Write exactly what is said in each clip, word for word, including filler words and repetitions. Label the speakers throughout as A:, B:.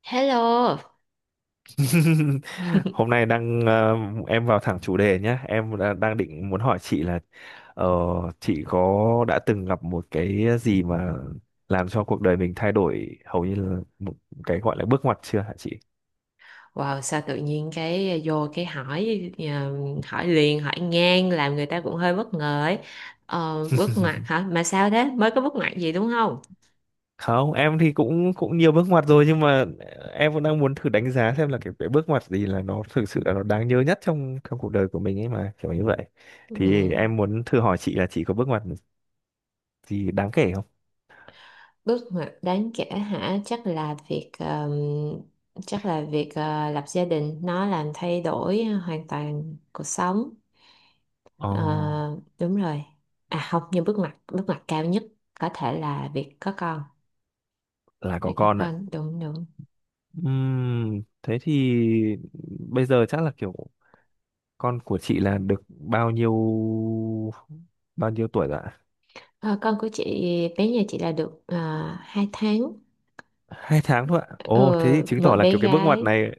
A: Hello.
B: Hôm nay đang ờ, em vào thẳng chủ đề nhé. Em đã, đang định muốn hỏi chị là ờ, chị có đã từng gặp một cái gì mà làm cho cuộc đời mình thay đổi hầu như là một cái gọi là bước ngoặt chưa hả chị?
A: Wow, sao tự nhiên cái vô cái hỏi ờ, hỏi liền hỏi ngang làm người ta cũng hơi bất ngờ ấy. Ờ, bước ngoặt hả? Mà sao thế? Mới có bước ngoặt gì đúng không?
B: Không, em thì cũng cũng nhiều bước ngoặt rồi nhưng mà ờ, em vẫn đang muốn thử đánh giá xem là cái, cái bước ngoặt gì là nó thực sự là nó đáng nhớ nhất trong trong cuộc đời của mình ấy mà kiểu như vậy.
A: Ừ,
B: Thì em muốn thử hỏi chị là chị có bước ngoặt gì đáng kể không?
A: bước ngoặt đáng kể hả? Chắc là việc ờ, chắc là việc ờ, lập gia đình nó làm thay đổi hoàn toàn cuộc sống.
B: Ồ,
A: Ờ, đúng rồi. À không, nhưng bước ngoặt bước ngoặt cao nhất có thể là việc có con.
B: là có
A: Việc có
B: con ạ.
A: con đúng đúng.
B: Ừm, thế thì bây giờ chắc là kiểu con của chị là được bao nhiêu bao nhiêu tuổi rồi ạ?
A: Ờ, con của chị bé nhà chị là được uh, hai tháng.
B: Hai tháng thôi ạ.
A: Ờ,
B: Ồ, thế thì chứng
A: một
B: tỏ là
A: bé
B: kiểu cái bước ngoặt
A: gái
B: này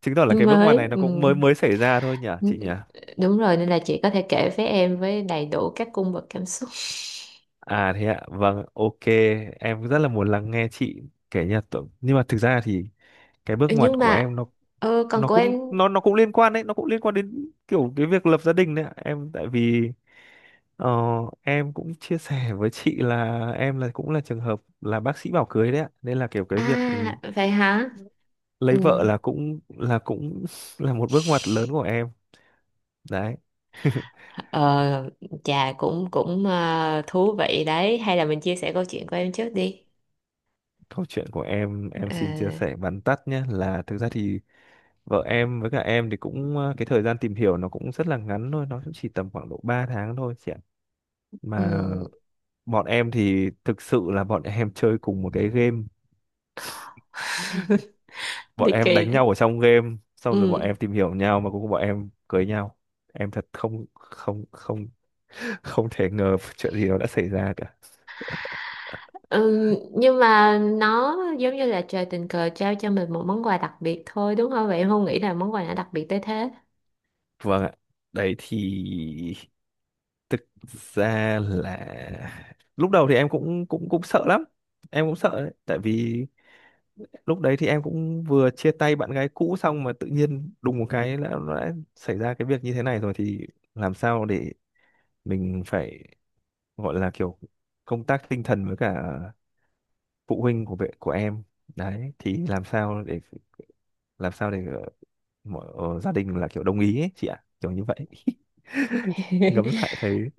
B: chứng tỏ là
A: nó
B: cái bước ngoặt
A: mới.
B: này nó cũng mới
A: Ừm.
B: mới xảy ra thôi nhỉ chị nhỉ?
A: Đúng rồi, nên là chị có thể kể với em với đầy đủ các cung bậc cảm xúc.
B: À thế ạ, vâng, ok, em rất là muốn lắng nghe chị kể nha. Tự- Nhưng mà thực ra thì cái bước
A: Ừ,
B: ngoặt
A: nhưng
B: của em
A: mà
B: nó
A: ờ, con
B: nó
A: của em.
B: cũng nó nó cũng liên quan đấy, nó cũng liên quan đến kiểu cái việc lập gia đình đấy ạ. Em tại vì ờ, em cũng chia sẻ với chị là em là cũng là trường hợp là bác sĩ bảo cưới đấy ạ, nên là kiểu cái
A: À
B: việc ừ,
A: vậy hả?
B: lấy
A: Ừ.
B: vợ là cũng là cũng là một bước ngoặt lớn của em đấy.
A: Ờ, chà cũng cũng ờ, thú vị đấy, hay là mình chia sẻ câu chuyện của em trước đi.
B: Câu chuyện của em em
A: Ờ,
B: xin chia sẻ vắn tắt nhé, là thực ra thì vợ em với cả em thì cũng ờ, cái thời gian tìm hiểu nó cũng rất là ngắn thôi, nó cũng chỉ tầm khoảng độ ba tháng thôi chị ạ,
A: ừ,
B: mà bọn em thì thực sự là bọn em chơi cùng một cái game, bọn
A: ly
B: em
A: kỳ
B: đánh
A: đấy.
B: nhau ở trong game xong rồi bọn
A: Ừ.
B: em tìm hiểu nhau, mà cuối cùng bọn em cưới nhau. Em thật không không không không thể ngờ chuyện gì nó đã xảy ra cả.
A: Ừ, nhưng mà nó giống như là trời tình cờ trao cho mình một món quà đặc biệt thôi đúng không? Vậy em không nghĩ là món quà nào đặc biệt tới thế.
B: Vâng ạ. Đấy thì thực ra là lúc đầu thì em cũng cũng cũng sợ lắm, em cũng sợ đấy tại vì lúc đấy thì em cũng vừa chia tay bạn gái cũ xong mà tự nhiên đùng một cái đã, đã xảy ra cái việc như thế này rồi, thì làm sao để mình phải gọi là kiểu công tác tinh thần với cả phụ huynh của vệ của em. Đấy thì làm sao để làm sao để ờ, mọi ờ, gia đình là kiểu đồng ý ấy, chị ạ, kiểu như vậy. Ngẫm lại thấy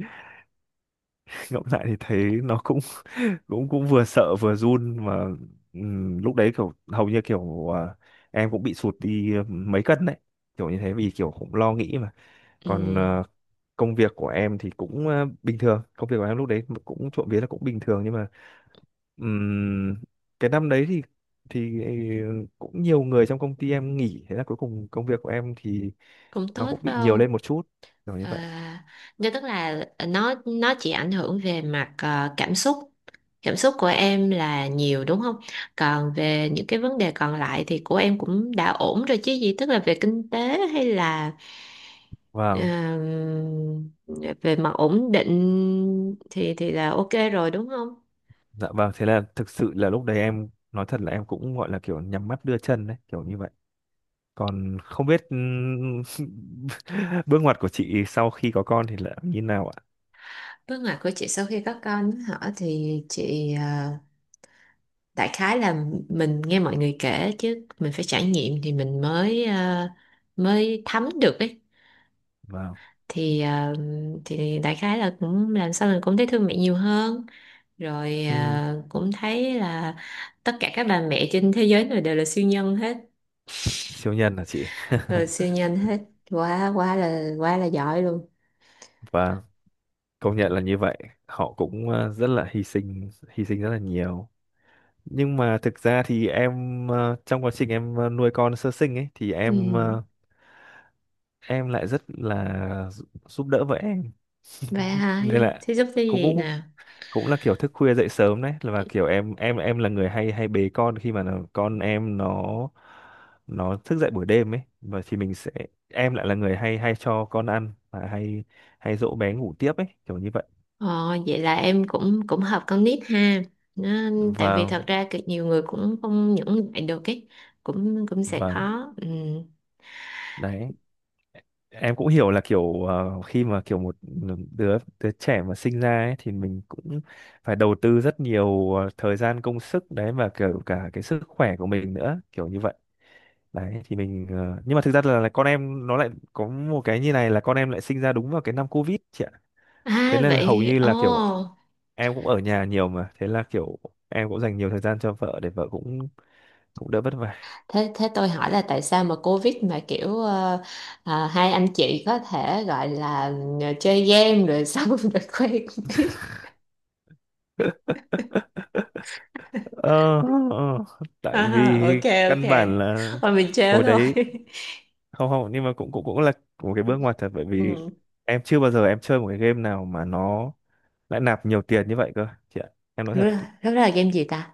B: ngẫm lại thì thấy nó cũng cũng cũng vừa sợ vừa run mà. Ừm, lúc đấy kiểu hầu như kiểu à, em cũng bị sụt đi mấy cân đấy kiểu như thế, vì kiểu cũng lo nghĩ mà. Còn
A: Ừ,
B: ờ, công việc của em thì cũng ờ, bình thường, công việc của em lúc đấy cũng trộm vía là cũng bình thường, nhưng mà Ừm, cái năm đấy thì thì ờ, cũng nhiều người trong công ty em nghỉ, thế là cuối cùng công việc của em thì
A: cũng
B: nó
A: tốt
B: cũng bị
A: phải
B: nhiều
A: không?
B: lên một chút, kiểu như vậy.
A: À, nhưng tức là nó nó chỉ ảnh hưởng về mặt ờ, cảm xúc. Cảm xúc của em là nhiều đúng không? Còn về những cái vấn đề còn lại thì của em cũng đã ổn rồi chứ gì, tức là về kinh tế hay là ờ,
B: Vâng.
A: về mặt ổn định thì thì là ok rồi đúng không?
B: Dạ vâng, thế là thực sự là lúc đấy em nói thật là em cũng gọi là kiểu nhắm mắt đưa chân đấy, kiểu như vậy, còn không biết. Ừm, bước ngoặt của chị sau khi có con thì là như nào ạ?
A: Bước ngoặt của chị sau khi có con hả? Thì chị, à, đại khái là mình nghe mọi người kể chứ mình phải trải nghiệm thì mình mới, à, mới thấm được ấy.
B: Vâng.
A: thì à, thì đại khái là cũng làm sao mình cũng thấy thương mẹ nhiều hơn. Rồi
B: Ừm,
A: à, cũng thấy là tất cả các bà mẹ trên thế giới này đều là siêu nhân hết.
B: Siêu nhân hả chị?
A: Ờ, siêu nhân hết, quá quá là quá là giỏi luôn.
B: Và công nhận là như vậy, họ cũng ờ, rất là hy sinh, hy sinh rất là nhiều. Nhưng mà thực ra thì em ờ, trong quá trình em ờ, nuôi con sơ sinh ấy thì
A: Ừ.
B: em ờ, em lại rất là giúp giúp đỡ vợ em,
A: Vậy hả?
B: nên là
A: Thế giúp cái
B: cũng
A: gì
B: cũng
A: nè?
B: cũng là kiểu thức khuya dậy sớm đấy, là và kiểu em em em là người hay hay bế con khi mà nó- con em nó nó thức dậy buổi đêm ấy, và thì mình sẽ, em lại là người hay hay cho con ăn và hay hay dỗ bé ngủ tiếp ấy, kiểu như vậy.
A: Ờ, vậy là em cũng cũng hợp con nít ha. Nó, Tại vì
B: và
A: thật ra cực nhiều người cũng không những lại được ấy, cũng cũng sẽ
B: và
A: khó. Ừ.
B: đấy, em cũng hiểu là kiểu ờ, khi mà kiểu một đứa đứa trẻ mà sinh ra ấy, thì mình cũng phải đầu tư rất nhiều ờ, thời gian công sức đấy, và kiểu cả cái sức khỏe của mình nữa, kiểu như vậy. Đấy thì mình ờ, nhưng mà thực ra là, là con em nó lại có một cái như này, là con em lại sinh ra đúng vào cái năm Covid chị ạ, thế
A: À
B: nên là hầu
A: vậy
B: như là kiểu
A: ồ,
B: em cũng ở nhà nhiều, mà thế là kiểu em cũng dành nhiều thời gian cho vợ để vợ cũng cũng đỡ vất vả.
A: thế thế tôi hỏi là tại sao mà Covid mà kiểu, ờ, à, hai anh chị có thể gọi là, ừ, chơi game rồi xong rồi quen biết.
B: ờ, ờ, Tại
A: À,
B: vì
A: ok ok.
B: căn bản là
A: Thôi mình trêu
B: hồi
A: thôi.
B: đấy. Không, không, nhưng mà cũng cũng cũng là một cái bước ngoặt thật, bởi vì
A: Ừ.
B: em chưa bao giờ em chơi một cái game nào mà nó lại nạp nhiều tiền như vậy cơ chị ạ, em nói
A: Lúc
B: thật.
A: đó lúc đó là game gì ta?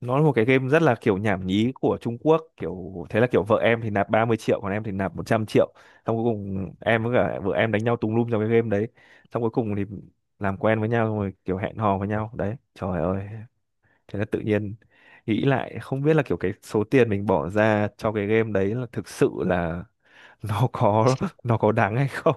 B: Nó là một cái game rất là kiểu nhảm nhí của Trung Quốc, kiểu thế là kiểu vợ em thì nạp ba mươi triệu, còn em thì nạp một trăm triệu, xong cuối cùng em với cả vợ em đánh nhau tùng lum trong cái game đấy, xong cuối cùng thì làm quen với nhau xong rồi kiểu hẹn hò với nhau đấy, trời ơi. Thế là tự nhiên nghĩ lại không biết là kiểu cái số tiền mình bỏ ra cho cái game đấy là thực sự là nó có, nó có đáng hay không.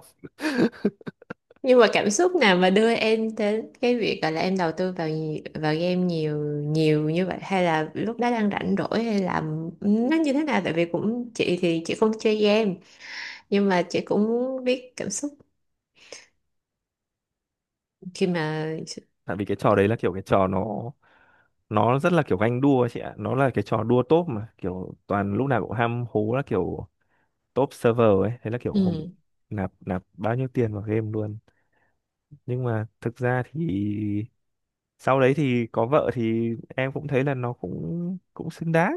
A: Nhưng mà cảm xúc nào mà đưa em đến cái việc gọi là em đầu tư vào nhi- vào game nhiều nhiều như vậy, hay là lúc đó đang rảnh rỗi, hay là nó như thế nào? Tại vì cũng chị thì chị không chơi game, nhưng mà chị cũng biết cảm xúc khi mà...
B: Tại vì cái trò đấy là kiểu cái trò nó nó rất là kiểu ganh đua ấy chị ạ, nó là cái trò đua top mà kiểu toàn lúc nào cũng ham hố là kiểu top server ấy, thế là kiểu hùng
A: Ừ,
B: nạp nạp bao nhiêu tiền vào game luôn. Nhưng mà thực ra thì sau đấy thì có vợ thì em cũng thấy là nó cũng cũng xứng đáng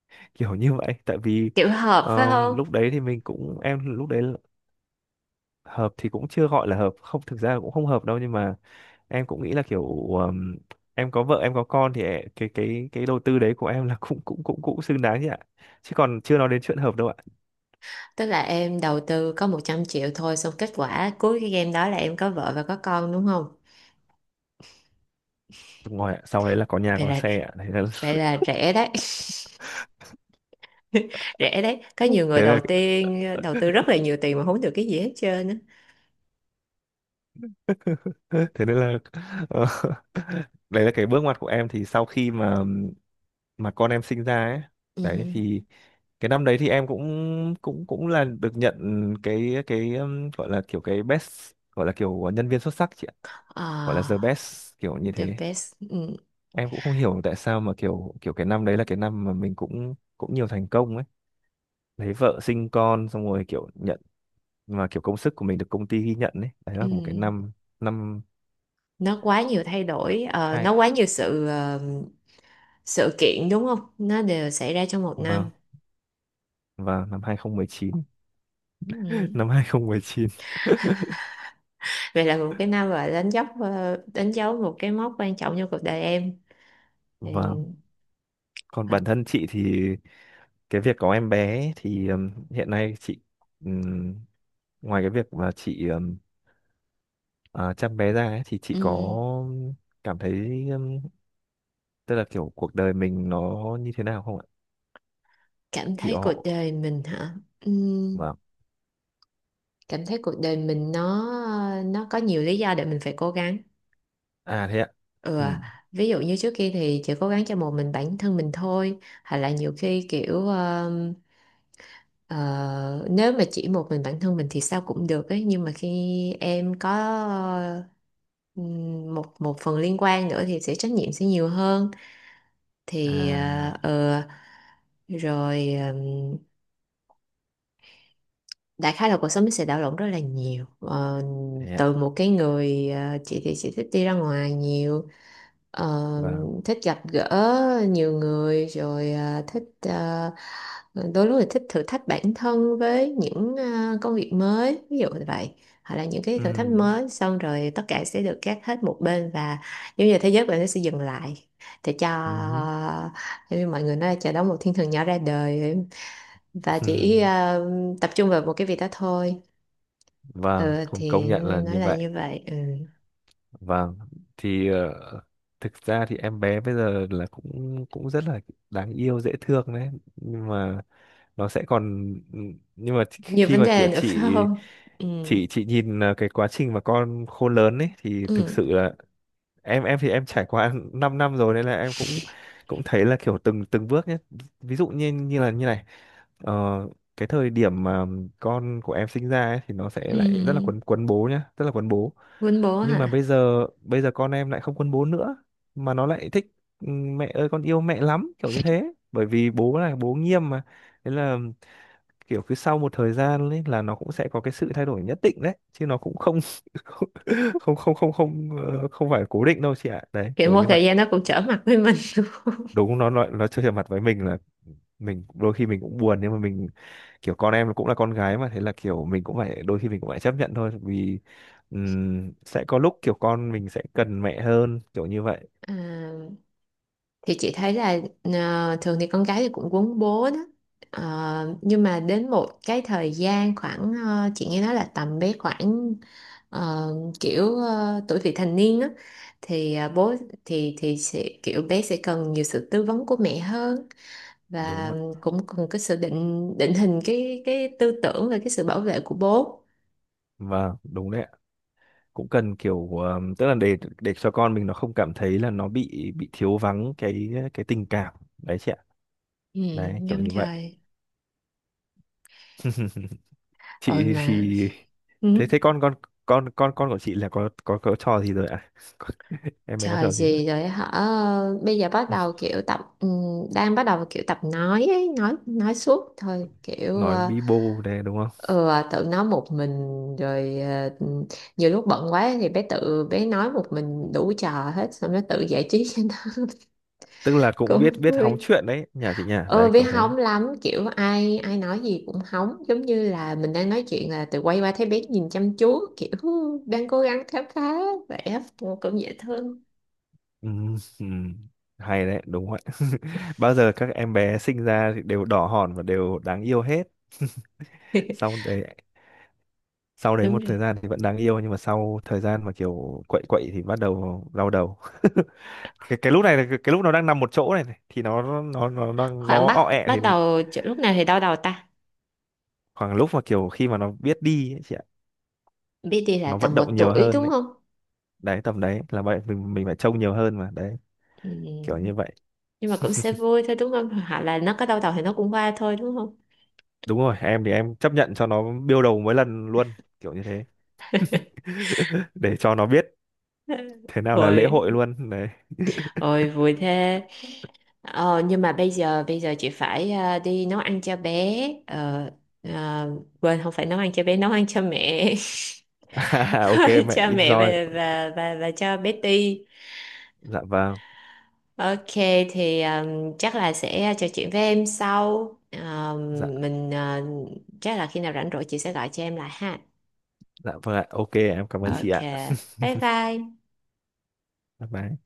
B: kiểu như vậy, tại vì
A: kiểu hợp phải
B: ờ,
A: không?
B: lúc đấy thì mình cũng, em lúc đấy là-. Hợp thì cũng chưa gọi là hợp, không, thực ra là cũng không hợp đâu, nhưng mà em cũng nghĩ là kiểu ờm, em có vợ em có con thì ẹ- cái cái cái đầu tư đấy của em là cũng cũng cũng cũng xứng đáng chứ ạ, chứ còn chưa nói đến chuyện hợp đâu ạ.
A: Tức là em đầu tư có một trăm triệu thôi, xong kết quả cuối cái game đó là em có vợ và có con đúng không?
B: Đúng rồi ạ, sau đấy là có nhà
A: vậy
B: có
A: là
B: xe ạ, thế là
A: vậy là rẻ đấy. Rẻ đấy, có nhiều người
B: thế
A: đầu
B: là
A: tiên đầu tư rất là nhiều tiền mà không được cái gì hết trơn á.
B: thế nên là ờ, đấy là cái bước ngoặt của em, thì sau khi mà mà con em sinh ra ấy,
A: Ừ.
B: đấy thì cái năm đấy thì em cũng cũng cũng là được nhận cái cái ừm, gọi là kiểu cái best, gọi là kiểu nhân viên xuất sắc chị ạ, gọi là the
A: À,
B: best kiểu như
A: the
B: thế.
A: best. Ừ,
B: Em cũng không hiểu tại sao mà kiểu kiểu cái năm đấy là cái năm mà mình cũng cũng nhiều thành công ấy, lấy vợ sinh con xong rồi kiểu nhận, mà kiểu công sức của mình được công ty ghi nhận ấy, đấy
A: ừ.
B: là một cái năm. Năm
A: Nó quá nhiều thay đổi, ờ,
B: hai.
A: nó quá nhiều sự ờ, sự kiện đúng không, nó đều xảy ra trong một
B: Vâng.
A: năm.
B: Và năm hai không một chín.
A: Ừ.
B: Năm hai không một chín.
A: Vậy là một cái năm và đánh dấu ờ, đánh dấu một cái mốc quan trọng trong cuộc đời em
B: Và
A: thì,
B: còn
A: ờ,
B: bản thân chị thì cái việc có em bé ấy, thì ừm, hiện nay chị, ừm, ngoài cái việc mà chị ừm, à, chăm bé ra ấy, thì chị có
A: ừ.
B: cảm thấy ừm, tức là kiểu cuộc đời mình nó như thế nào không ạ?
A: Cảm thấy cuộc
B: Kiểu.
A: đời mình hả? Ừ.
B: Vâng.
A: Cảm thấy cuộc đời mình nó nó có nhiều lý do để mình phải cố gắng.
B: À thế ạ.
A: Ừ.
B: Ừ.
A: Ví dụ như trước kia thì chỉ cố gắng cho một mình bản thân mình thôi, hoặc là nhiều khi kiểu... Ờ, nếu mà chỉ một mình bản thân mình thì sao cũng được ấy, nhưng mà khi em có, ừm, một một phần liên quan nữa thì sẽ trách nhiệm sẽ nhiều hơn, thì ờ
B: À
A: ờ, rồi đại khái là cuộc sống nó sẽ đảo lộn rất là nhiều. Ờ,
B: thế ạ.
A: Từ một cái người, ờ, chị thì chị thích đi ra ngoài nhiều, ờ,
B: Vâng.
A: thích gặp gỡ nhiều người, rồi ờ, thích, ờ, đôi lúc thì thích thử thách bản thân với những ờ, công việc mới, ví dụ như vậy. Hoặc là những cái
B: Ừ.
A: thử thách mới, xong rồi tất cả sẽ được gác hết một bên, và giống như là thế giới của em nó sẽ dừng lại để cho,
B: Ừ.
A: giống như mọi người nói là chờ đón một thiên thần nhỏ ra đời, và chỉ ờ, tập trung vào một cái việc đó thôi.
B: Vâng,
A: Ừ,
B: không, công
A: thì
B: nhận là
A: nó
B: như
A: là
B: vậy.
A: như vậy. Ừ.
B: Vâng thì ờ, thực ra thì em bé bây giờ là cũng cũng rất là đáng yêu dễ thương đấy, nhưng mà nó sẽ còn ừ, nhưng mà
A: Nhiều
B: khi
A: vấn
B: mà kiểu
A: đề nữa phải
B: chị
A: không? Ừ.
B: chị chị nhìn à, cái quá trình mà con khôn lớn ấy thì thực
A: Ừ.
B: sự là em em thì em trải qua năm năm rồi, nên là em cũng cũng thấy là kiểu từng từng bước nhé, ví dụ như như là như này ờ, cái thời điểm mà con của em sinh ra ấy, thì nó sẽ lại rất là
A: Ừ.
B: quấn quấn bố nhá, rất là quấn bố,
A: Quýnh bố
B: nhưng mà bây
A: hả?
B: giờ bây giờ con em lại không quấn bố nữa, mà nó lại thích "Ừ, mẹ ơi con yêu mẹ lắm", kiểu như thế, bởi vì bố là bố nghiêm mà, thế là kiểu cứ sau một thời gian ấy là nó cũng sẽ có cái sự thay đổi nhất định đấy, chứ nó cũng không. không không không không không, ờ, Không phải cố định đâu chị ạ, đấy
A: Kiểu
B: kiểu
A: một
B: như vậy.
A: thời gian nó cũng trở mặt với mình luôn.
B: Đúng, nó nó nó chơi mặt với mình là mình đôi khi mình cũng buồn, nhưng mà mình kiểu con em cũng là con gái mà, thế là kiểu mình cũng phải, đôi khi mình cũng phải chấp nhận thôi vì ừm, sẽ có lúc kiểu con mình sẽ cần mẹ hơn, kiểu như vậy.
A: À, thì chị thấy là, ờ, thường thì con gái thì cũng quấn bố đó. Ờ, nhưng mà đến một cái thời gian khoảng, ờ, chị nghe nói là tầm bé khoảng, ờ, kiểu ờ, tuổi vị thành niên á. Thì ờ, bố thì thì sẽ kiểu bé sẽ cần nhiều sự tư vấn của mẹ hơn,
B: Đúng
A: và
B: rồi.
A: cũng cần cái sự định định hình cái cái tư tưởng và cái sự bảo vệ của bố.
B: Vâng đúng đấy ạ, cũng cần kiểu ờm, tức là để để cho con mình nó không cảm thấy là nó bị bị thiếu vắng cái cái tình cảm đấy chị ạ,
A: Ừ,
B: đấy kiểu
A: đúng
B: như vậy.
A: rồi rồi
B: Chị
A: mà.
B: thì,
A: Ừ.
B: thế thế con con con con con của chị là có có có trò gì rồi ạ? Em bé có
A: Trời
B: trò gì rồi?
A: gì rồi hả? Ờ, bây giờ bắt đầu kiểu tập ừm, đang bắt đầu kiểu tập nói ấy, nói nói suốt thôi, kiểu
B: Nói
A: ờ,
B: bi bô này đúng không?
A: ừ, à, tự nói một mình. Rồi ờ, ừ, nhiều lúc bận quá thì bé tự bé nói một mình đủ trò hết, xong nó tự giải trí cho nó.
B: Tức là cũng biết
A: Cũng
B: biết hóng
A: vui.
B: chuyện đấy, nhà chị nhà
A: Ừ,
B: đấy
A: bé
B: kiểu thế.
A: hóng lắm, kiểu ai ai nói gì cũng hóng, giống như là mình đang nói chuyện là tự quay qua thấy bé nhìn chăm chú, kiểu "Hú, đang cố gắng khám phá vẻ", cũng cũng dễ thương.
B: Ừm, ừm. Hay đấy, đúng vậy. Bao giờ các em bé sinh ra thì đều đỏ hòn và đều đáng yêu hết. Xong đấy, sau đấy
A: Đúng.
B: một thời gian thì vẫn đáng yêu, nhưng mà sau thời gian mà kiểu quậy quậy thì bắt đầu đau đầu. cái, cái lúc này là cái, cái lúc nó đang nằm một chỗ này, này thì nó nó nó nó
A: Khoảng
B: nó ọ
A: bắt
B: ẹ thì,
A: bắt đầu chỗ- lúc nào thì đau đầu ta?
B: khoảng lúc mà kiểu khi mà nó biết đi ấy, chị ạ,
A: Biết là
B: nó vận
A: tầm một
B: động nhiều
A: tuổi
B: hơn
A: đúng
B: đấy,
A: không?
B: đấy tầm đấy là vậy, mình mình phải trông nhiều hơn mà đấy, kiểu như
A: Ừ.
B: vậy.
A: Nhưng mà cũng sẽ vui thôi đúng không? Hoặc là nó có đau đầu thì nó cũng qua thôi đúng không?
B: Đúng rồi, em thì em chấp nhận cho nó biêu đầu mỗi lần luôn, kiểu như thế. Để cho nó biết thế nào là lễ
A: Ôi
B: hội luôn đấy.
A: ôi vui thế. Ờ, nhưng mà bây giờ bây giờ chị phải, ờ, đi nấu ăn cho bé, ờ, ờ, quên không phải nấu ăn cho bé, nấu ăn cho mẹ.
B: À,
A: Nấu
B: ok,
A: ăn
B: mẹ
A: cho mẹ và
B: enjoy.
A: và và, và cho bé Ti.
B: Dạ vâng.
A: Ok, thì um, chắc là sẽ trò chuyện với em sau.
B: Dạ,
A: Um, mình, uh, chắc là khi nào rảnh rỗi chị sẽ gọi cho em lại ha.
B: dạ vâng ạ, ok em cảm
A: Ừ.
B: ơn chị
A: Ok.
B: ạ.
A: Bye bye.
B: Bye bye.